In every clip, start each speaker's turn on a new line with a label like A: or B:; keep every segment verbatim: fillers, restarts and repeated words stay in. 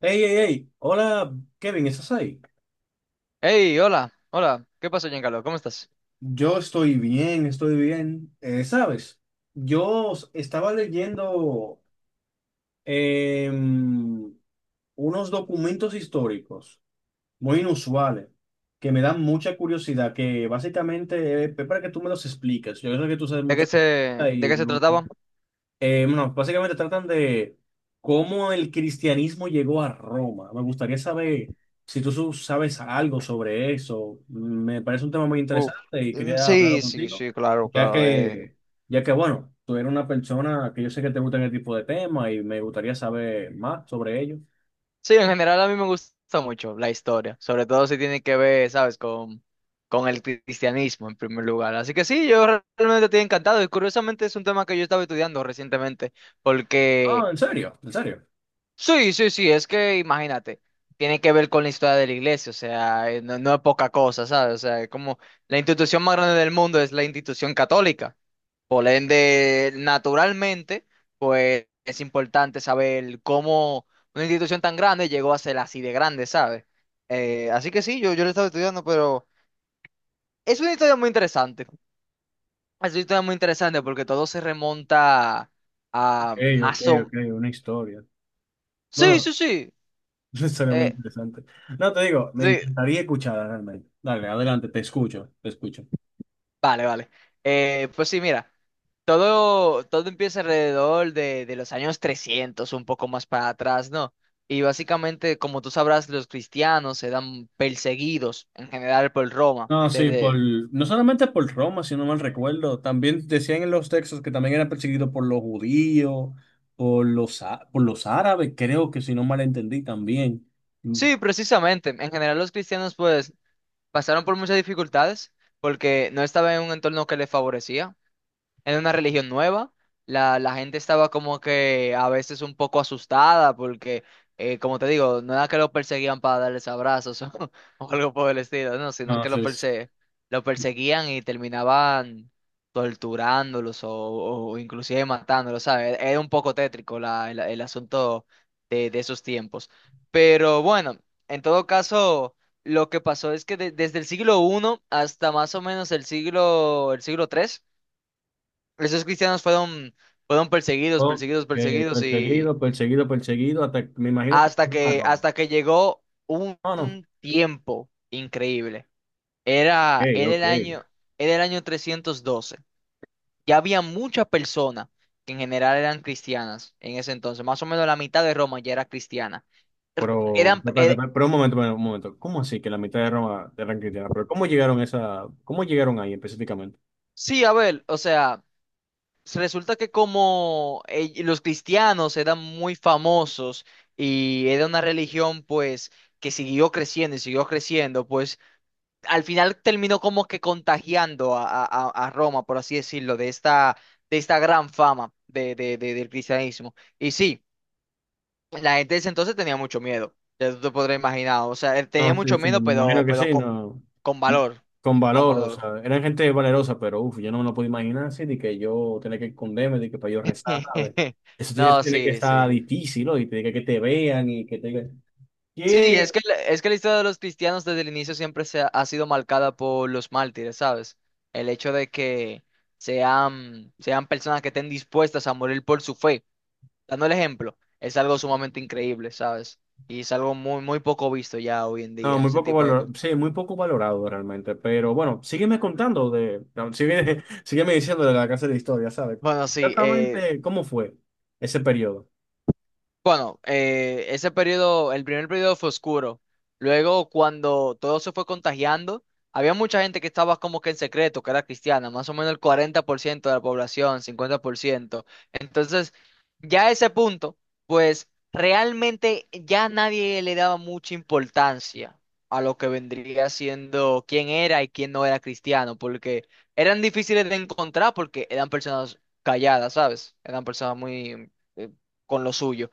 A: Hey, hey, hey, hola Kevin, ¿estás ahí?
B: Hey, hola, hola, ¿qué pasó, Giancarlo? ¿Cómo estás?
A: Yo estoy bien, estoy bien. Eh, ¿sabes? Yo s- estaba leyendo em, unos documentos históricos muy inusuales que me dan mucha curiosidad, que básicamente es para que tú me los expliques. Yo sé que tú sabes
B: ¿De
A: mucho
B: qué
A: de
B: se,
A: historia
B: ¿De
A: y
B: qué
A: me
B: se
A: gusta.
B: trataba?
A: Eh, bueno, básicamente tratan de cómo el cristianismo llegó a Roma. Me gustaría saber si tú su- sabes algo sobre eso. Me parece un tema muy
B: Uf,
A: interesante y
B: mm,
A: quería hablarlo
B: sí, sí,
A: contigo,
B: sí, claro,
A: ya
B: claro. eh,
A: que, ya que, bueno, tú eres una persona que yo sé que te gusta este tipo de temas y me gustaría saber más sobre ello.
B: Sí, en general a mí me gusta mucho la historia, sobre todo si tiene que ver, ¿sabes?, con, con el cristianismo en primer lugar. Así que sí, yo re- realmente estoy encantado y curiosamente es un tema que yo estaba estudiando recientemente,
A: Ah,
B: porque
A: ¿en serio? ¿En serio?
B: sí, sí, sí, es que imagínate, tiene que ver con la historia de la iglesia, o sea, eh, no, no es poca cosa, ¿sabes? O sea, es como la institución más grande del mundo es la institución católica. Por ende, naturalmente, pues es importante saber cómo una institución tan grande llegó a ser así de grande, ¿sabes? Eh, así que sí, yo, yo lo estaba estudiando, pero es una historia muy interesante. Es una historia muy interesante porque todo se remonta
A: Ok,
B: a
A: ok,
B: más
A: ok,
B: o...
A: una historia.
B: Sí, sí,
A: Bueno,
B: sí.
A: una historia muy
B: Eh,
A: interesante. No, te digo, me
B: sí,
A: encantaría escucharla realmente. Dale, adelante, te escucho, te escucho.
B: vale, vale. Eh, pues sí, mira. Todo, todo empieza alrededor de, de los años trescientos un poco más para atrás, ¿no? Y básicamente, como tú sabrás, los cristianos se dan perseguidos en general por Roma.
A: No, sí, por,
B: Desde...
A: no solamente por Roma, si no mal recuerdo, también decían en los textos que también eran perseguidos por los judíos, por los, á- por los árabes, creo que si no mal entendí también. No
B: Sí, precisamente. En general, los cristianos, pues, pasaron por muchas dificultades porque no estaban en un entorno que les favorecía. En una religión nueva. La, la gente estaba como que a veces un poco asustada porque, eh, como te digo, no era que lo perseguían para darles abrazos o, o algo por el estilo, no, sino que lo,
A: sé, sí.
B: perse lo perseguían y terminaban torturándolos o, o inclusive matándolos, ¿sabes? E-, Era un poco tétrico la- el, el asunto de, de esos tiempos. Pero bueno, en todo caso, lo que pasó es que de- desde el siglo uno hasta más o menos el siglo, el siglo tres, esos cristianos fueron, fueron, perseguidos,
A: Ok,
B: perseguidos, perseguidos, y
A: perseguido, perseguido, perseguido, hasta que me imagino que
B: hasta
A: llegaron a
B: que,
A: Roma.
B: hasta que llegó un
A: No, no,
B: tiempo increíble.
A: ok,
B: Era, era
A: ok.
B: el año, era el año trescientos doce. Ya había muchas personas que en general eran cristianas en ese entonces. Más o menos la mitad de Roma ya era cristiana. Er-
A: Pero,
B: Eran,
A: pero, espérate,
B: er-
A: espérate, pero un momento, un momento. ¿Cómo así que la mitad de Roma eran cristianas? Pero ¿cómo llegaron a esa, cómo llegaron ahí específicamente?
B: sí, a ver, o sea, pues, resulta que como eh, los cristianos eran muy famosos y era una religión, pues, que siguió creciendo y siguió creciendo, pues al final terminó como que contagiando a, a- a- a Roma, por así decirlo, de esta, de esta gran fama de, de- de- del cristianismo. Y sí, la gente de ese entonces tenía mucho miedo, ya tú te podrás imaginar, o sea, eh, tenía
A: No, sí,
B: mucho
A: sí, me
B: miedo,
A: imagino
B: pero,
A: que
B: pero
A: sí,
B: con,
A: no.
B: con valor,
A: Con
B: con
A: valor, o
B: valor.
A: sea, eran gente valerosa, pero uff, yo no me lo puedo imaginar así, de que yo tenía que esconderme, de que para yo rezar, ¿sabes? Eso tiene,
B: No,
A: tiene que
B: sí,
A: estar
B: sí.
A: difícil, ¿no? Y tiene que, que te vean y que te digan,
B: Sí,
A: ¿qué?
B: es que, la- es que la historia de los cristianos desde el inicio siempre se ha, ha sido marcada por los mártires, ¿sabes? El hecho de que sean, sean personas que estén dispuestas a morir por su fe, dando el ejemplo, es algo sumamente increíble, ¿sabes? Y es algo muy, muy poco visto ya hoy en
A: No,
B: día,
A: muy
B: ese
A: poco
B: tipo de
A: valor,
B: cosas.
A: sí, muy poco valorado realmente, pero bueno, sígueme contando de, no, sígueme, sígueme diciendo de la clase de historia, ¿sabes?
B: Bueno, sí, eh,
A: Exactamente, ¿cómo fue ese periodo?
B: bueno, eh, ese periodo, el primer periodo fue oscuro. Luego, cuando todo se fue contagiando, había mucha gente que estaba como que en secreto, que era cristiana, más o menos el cuarenta por ciento de la población, cincuenta por ciento. Entonces, ya a ese punto, pues realmente ya nadie le daba mucha importancia a lo que vendría siendo quién era y quién no era cristiano, porque eran difíciles de encontrar porque eran personas calladas, ¿sabes? Eran personas muy eh, con lo suyo.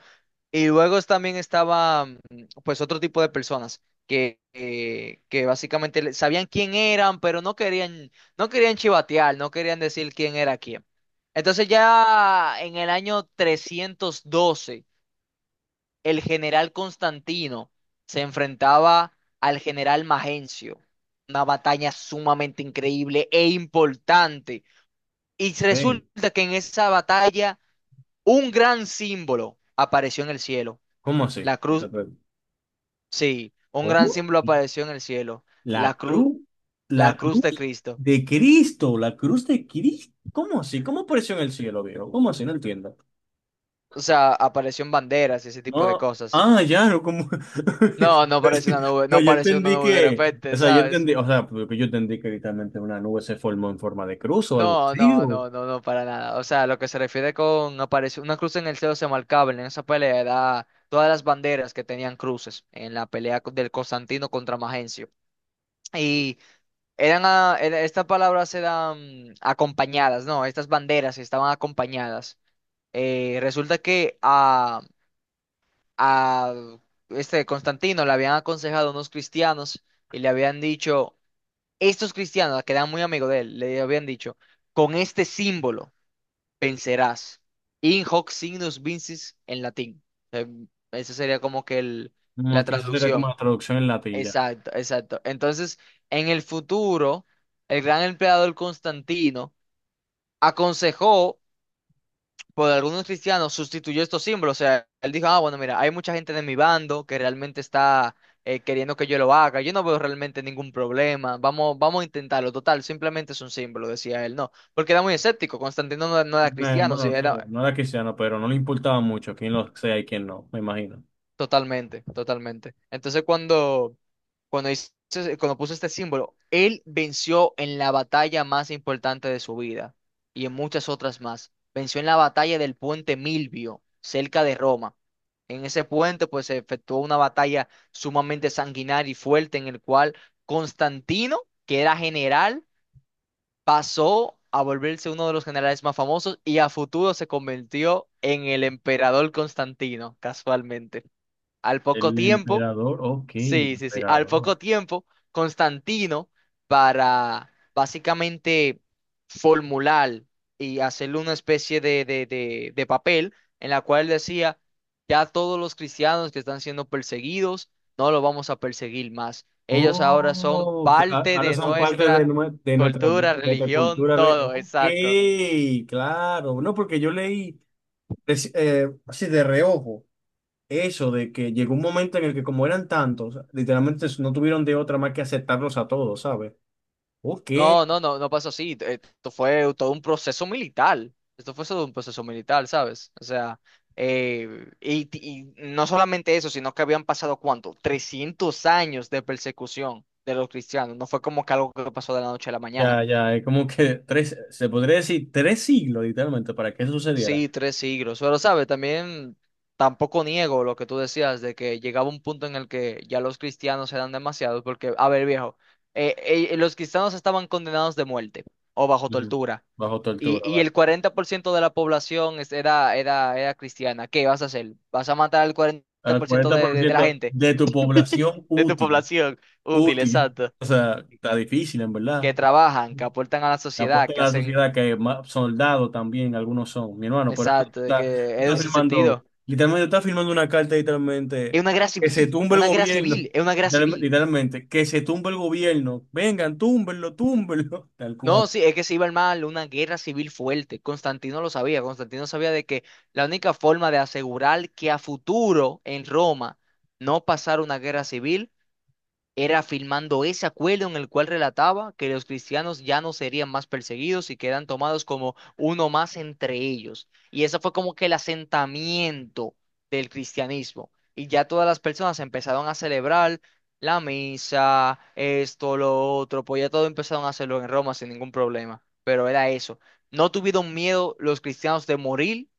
B: Y luego también estaba, mm, pues, otro tipo de personas que, eh, que básicamente le- sabían quién eran, pero no querían, no querían chivatear, no querían decir quién era quién. Entonces, ya en el año trescientos doce, el general Constantino se enfrentaba al general Magencio. Una batalla sumamente increíble e importante. Y
A: Sí.
B: resulta que en esa batalla un gran símbolo apareció en el cielo.
A: ¿Cómo
B: La
A: así?
B: cruz. Sí, un gran
A: ¿Cómo?
B: símbolo apareció en el cielo,
A: La
B: la cruz,
A: cruz,
B: la
A: la
B: cruz de
A: cruz
B: Cristo.
A: de Cristo, la cruz de Cristo. ¿Cómo así? ¿Cómo apareció en el cielo, viejo? ¿Cómo así? No entiendo.
B: O sea, apareció en banderas y ese tipo de
A: No,
B: cosas.
A: ah, ya, no, como.
B: No, no apareció una nube, no
A: No, yo
B: apareció una
A: entendí
B: nube de
A: que, o
B: repente,
A: sea, yo
B: ¿sabes?
A: entendí, o sea, porque yo entendí que literalmente una nube se formó en forma de cruz o algo
B: No,
A: así,
B: no,
A: o
B: no, no, no, para nada. O sea, lo que se refiere con apareció una cruz en el cielo se marcaba en esa pelea, era todas las banderas que tenían cruces en la pelea co- del Constantino contra Magencio. Y eran, a- era- estas palabras eran acompañadas, ¿no? Estas banderas estaban acompañadas. Eh, resulta que a, a este Constantino le habían aconsejado unos cristianos y le habían dicho, estos cristianos que eran muy amigos de él, le habían dicho, con este símbolo vencerás. In hoc signus vincis, en latín. Eh, Esa sería como que el- la
A: como que eso sería como
B: traducción.
A: la traducción en latín ya.
B: Exacto, exacto. Entonces, en el futuro, el gran emperador Constantino, aconsejó por algunos cristianos, sustituyó estos símbolos. O sea, él dijo, ah, bueno, mira, hay mucha gente de mi bando que realmente está eh, queriendo que yo lo haga. Yo no veo realmente ningún problema. Vamos, vamos a intentarlo. Total, simplemente es un símbolo, decía él. No, porque era muy escéptico. Constantino no, no era
A: Eh,
B: cristiano, sí,
A: Bueno, sí,
B: era.
A: no era cristiano, pero no le importaba mucho quién lo sea y quién no, me imagino.
B: Totalmente, totalmente. Entonces, cuando, cuando, hice- cuando puso este símbolo, él venció en la batalla más importante de su vida y en muchas otras más. Venció en la batalla del puente Milvio, cerca de Roma. En ese puente, pues, se efectuó una batalla sumamente sanguinaria y fuerte, en el cual Constantino, que era general, pasó a volverse uno de los generales más famosos, y a futuro se convirtió en el emperador Constantino, casualmente. Al poco
A: El
B: tiempo,
A: emperador, ok, el
B: sí, sí, sí, al
A: emperador.
B: poco tiempo, Constantino, para básicamente formular y hacerle una especie de, de, de, de papel en la cual decía, ya todos los cristianos que están siendo perseguidos, no los vamos a perseguir más. Ellos ahora son
A: Oh, ca-
B: parte
A: Ahora
B: de
A: son parte de,
B: nuestra
A: nue- de nuestra, de
B: cultura,
A: nuestra
B: religión,
A: cultura. De,
B: todo,
A: ok,
B: exacto.
A: claro. No, porque yo leí reci- eh, así de reojo eso de que llegó un momento en el que como eran tantos, literalmente no tuvieron de otra más que aceptarlos a todos, ¿sabes? Ok,
B: No, no, no, no pasó así. Eh, Esto fue todo un proceso militar. Esto fue todo un proceso militar, ¿sabes? O sea, eh, y, y no solamente eso, sino que habían pasado, ¿cuánto?, trescientos años de persecución de los cristianos. No fue como que algo que pasó de la noche a la mañana.
A: ya, ya, es como que tres, se podría decir tres siglos literalmente para que eso sucediera.
B: Sí, tres siglos. Pero, ¿sabes? También tampoco niego lo que tú decías de que llegaba un punto en el que ya los cristianos eran demasiados, porque, a ver, viejo, eh, eh, los cristianos estaban condenados de muerte o bajo
A: Ujú.
B: tortura.
A: Bajo
B: Y,
A: tortura,
B: y
A: vale.
B: el cuarenta por ciento de la población es- era, era, era cristiana. ¿Qué vas a hacer? ¿Vas a matar al
A: Al
B: cuarenta por ciento
A: cuarenta
B: de,
A: por
B: de, de la
A: ciento
B: gente,
A: de tu población
B: de tu
A: útil,
B: población? Útil,
A: útil.
B: exacto.
A: O sea, está difícil, en verdad.
B: Que trabajan, que aportan a la
A: La
B: sociedad,
A: apuesta a
B: que
A: la
B: hacen...
A: sociedad que más soldados también algunos son, mi hermano. Por eso tú
B: Exacto, de
A: estás, tú
B: que es
A: estás
B: un
A: firmando,
B: sinsentido.
A: literalmente estás firmando una carta, literalmente,
B: Es una guerra
A: que se
B: civil,
A: tumbe el
B: una guerra
A: gobierno.
B: civil, es una guerra
A: literal-
B: civil.
A: Literalmente, que se tumbe el gobierno. Vengan, túmbenlo, túmbenlo. Tal
B: No,
A: cual.
B: sí, es que se iba a mal, una guerra civil fuerte. Constantino lo sabía, Constantino sabía de que la única forma de asegurar que a futuro en Roma no pasara una guerra civil era firmando ese acuerdo, en el cual relataba que los cristianos ya no serían más perseguidos y quedan tomados como uno más entre ellos. Y eso fue como que el asentamiento del cristianismo. Y ya todas las personas empezaron a celebrar la misa, esto, lo otro, pues ya todo empezaron a hacerlo en Roma sin ningún problema. Pero era eso. No tuvieron miedo los cristianos de morir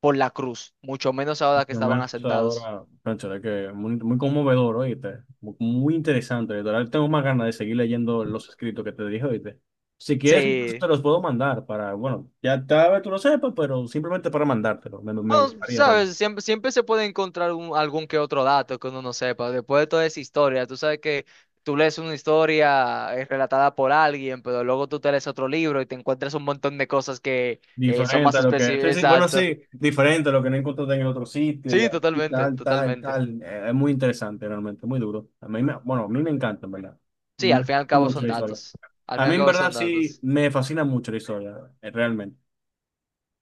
B: por la cruz, mucho menos
A: Mi
B: ahora que estaban
A: hermano, eso
B: asentados.
A: ahora, cónchale, que muy, muy conmovedor, oíste. Mu- Muy interesante, literal. Tengo más ganas de seguir leyendo los escritos que te dije, oíste. Si quieres, incluso
B: Sí.
A: te los puedo mandar para, bueno, ya tal vez tú lo sepas, pero simplemente para mandártelo. Me, me
B: Bueno,
A: gustaría, Ronald.
B: sabes, siempre, siempre se puede encontrar un- algún que otro dato que uno no sepa. Después de toda esa historia, tú sabes que tú lees una historia eh, relatada por alguien, pero luego tú te lees otro libro y te encuentras un montón de cosas que eh, son
A: Diferente
B: más
A: a lo que,
B: específicas.
A: sí, sí, bueno,
B: Exacto.
A: sí, diferente a lo que no encontraste en el otro sitio y
B: Sí,
A: así,
B: totalmente,
A: tal, tal,
B: totalmente.
A: tal. Eh, Es muy interesante realmente, muy duro. A mí me, bueno, a mí me encanta, en verdad.
B: Sí,
A: Me
B: al fin y al
A: gusta
B: cabo
A: mucho
B: son
A: la historia.
B: datos. Al
A: A
B: fin y
A: mí
B: al
A: en
B: cabo
A: verdad
B: son
A: sí
B: datos.
A: me fascina mucho la historia, eh, realmente.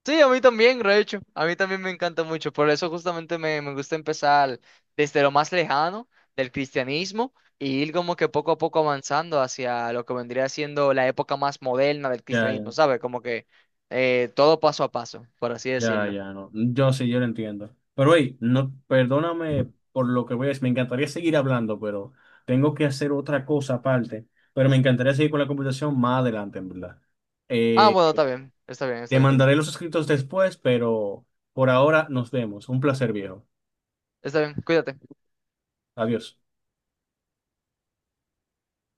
B: Sí, a mí también, de hecho, a mí también me encanta mucho, por eso justamente me, me gusta empezar desde lo más lejano del cristianismo y ir como que poco a poco avanzando hacia lo que vendría siendo la época más moderna del
A: Ya, ya,
B: cristianismo, ¿sabes? Como que eh, todo paso a paso, por así
A: ya,
B: decirlo.
A: ya, no. Yo sí, yo lo entiendo. Pero hey, no, perdóname por lo que voy a decir. Me encantaría seguir hablando, pero tengo que hacer otra cosa aparte. Pero me encantaría seguir con la conversación más adelante, en verdad.
B: Ah,
A: Eh,
B: bueno, está bien, está bien, está
A: Te
B: bien,
A: mandaré los escritos después, pero por ahora nos vemos. Un placer, viejo.
B: está bien, cuídate.
A: Adiós.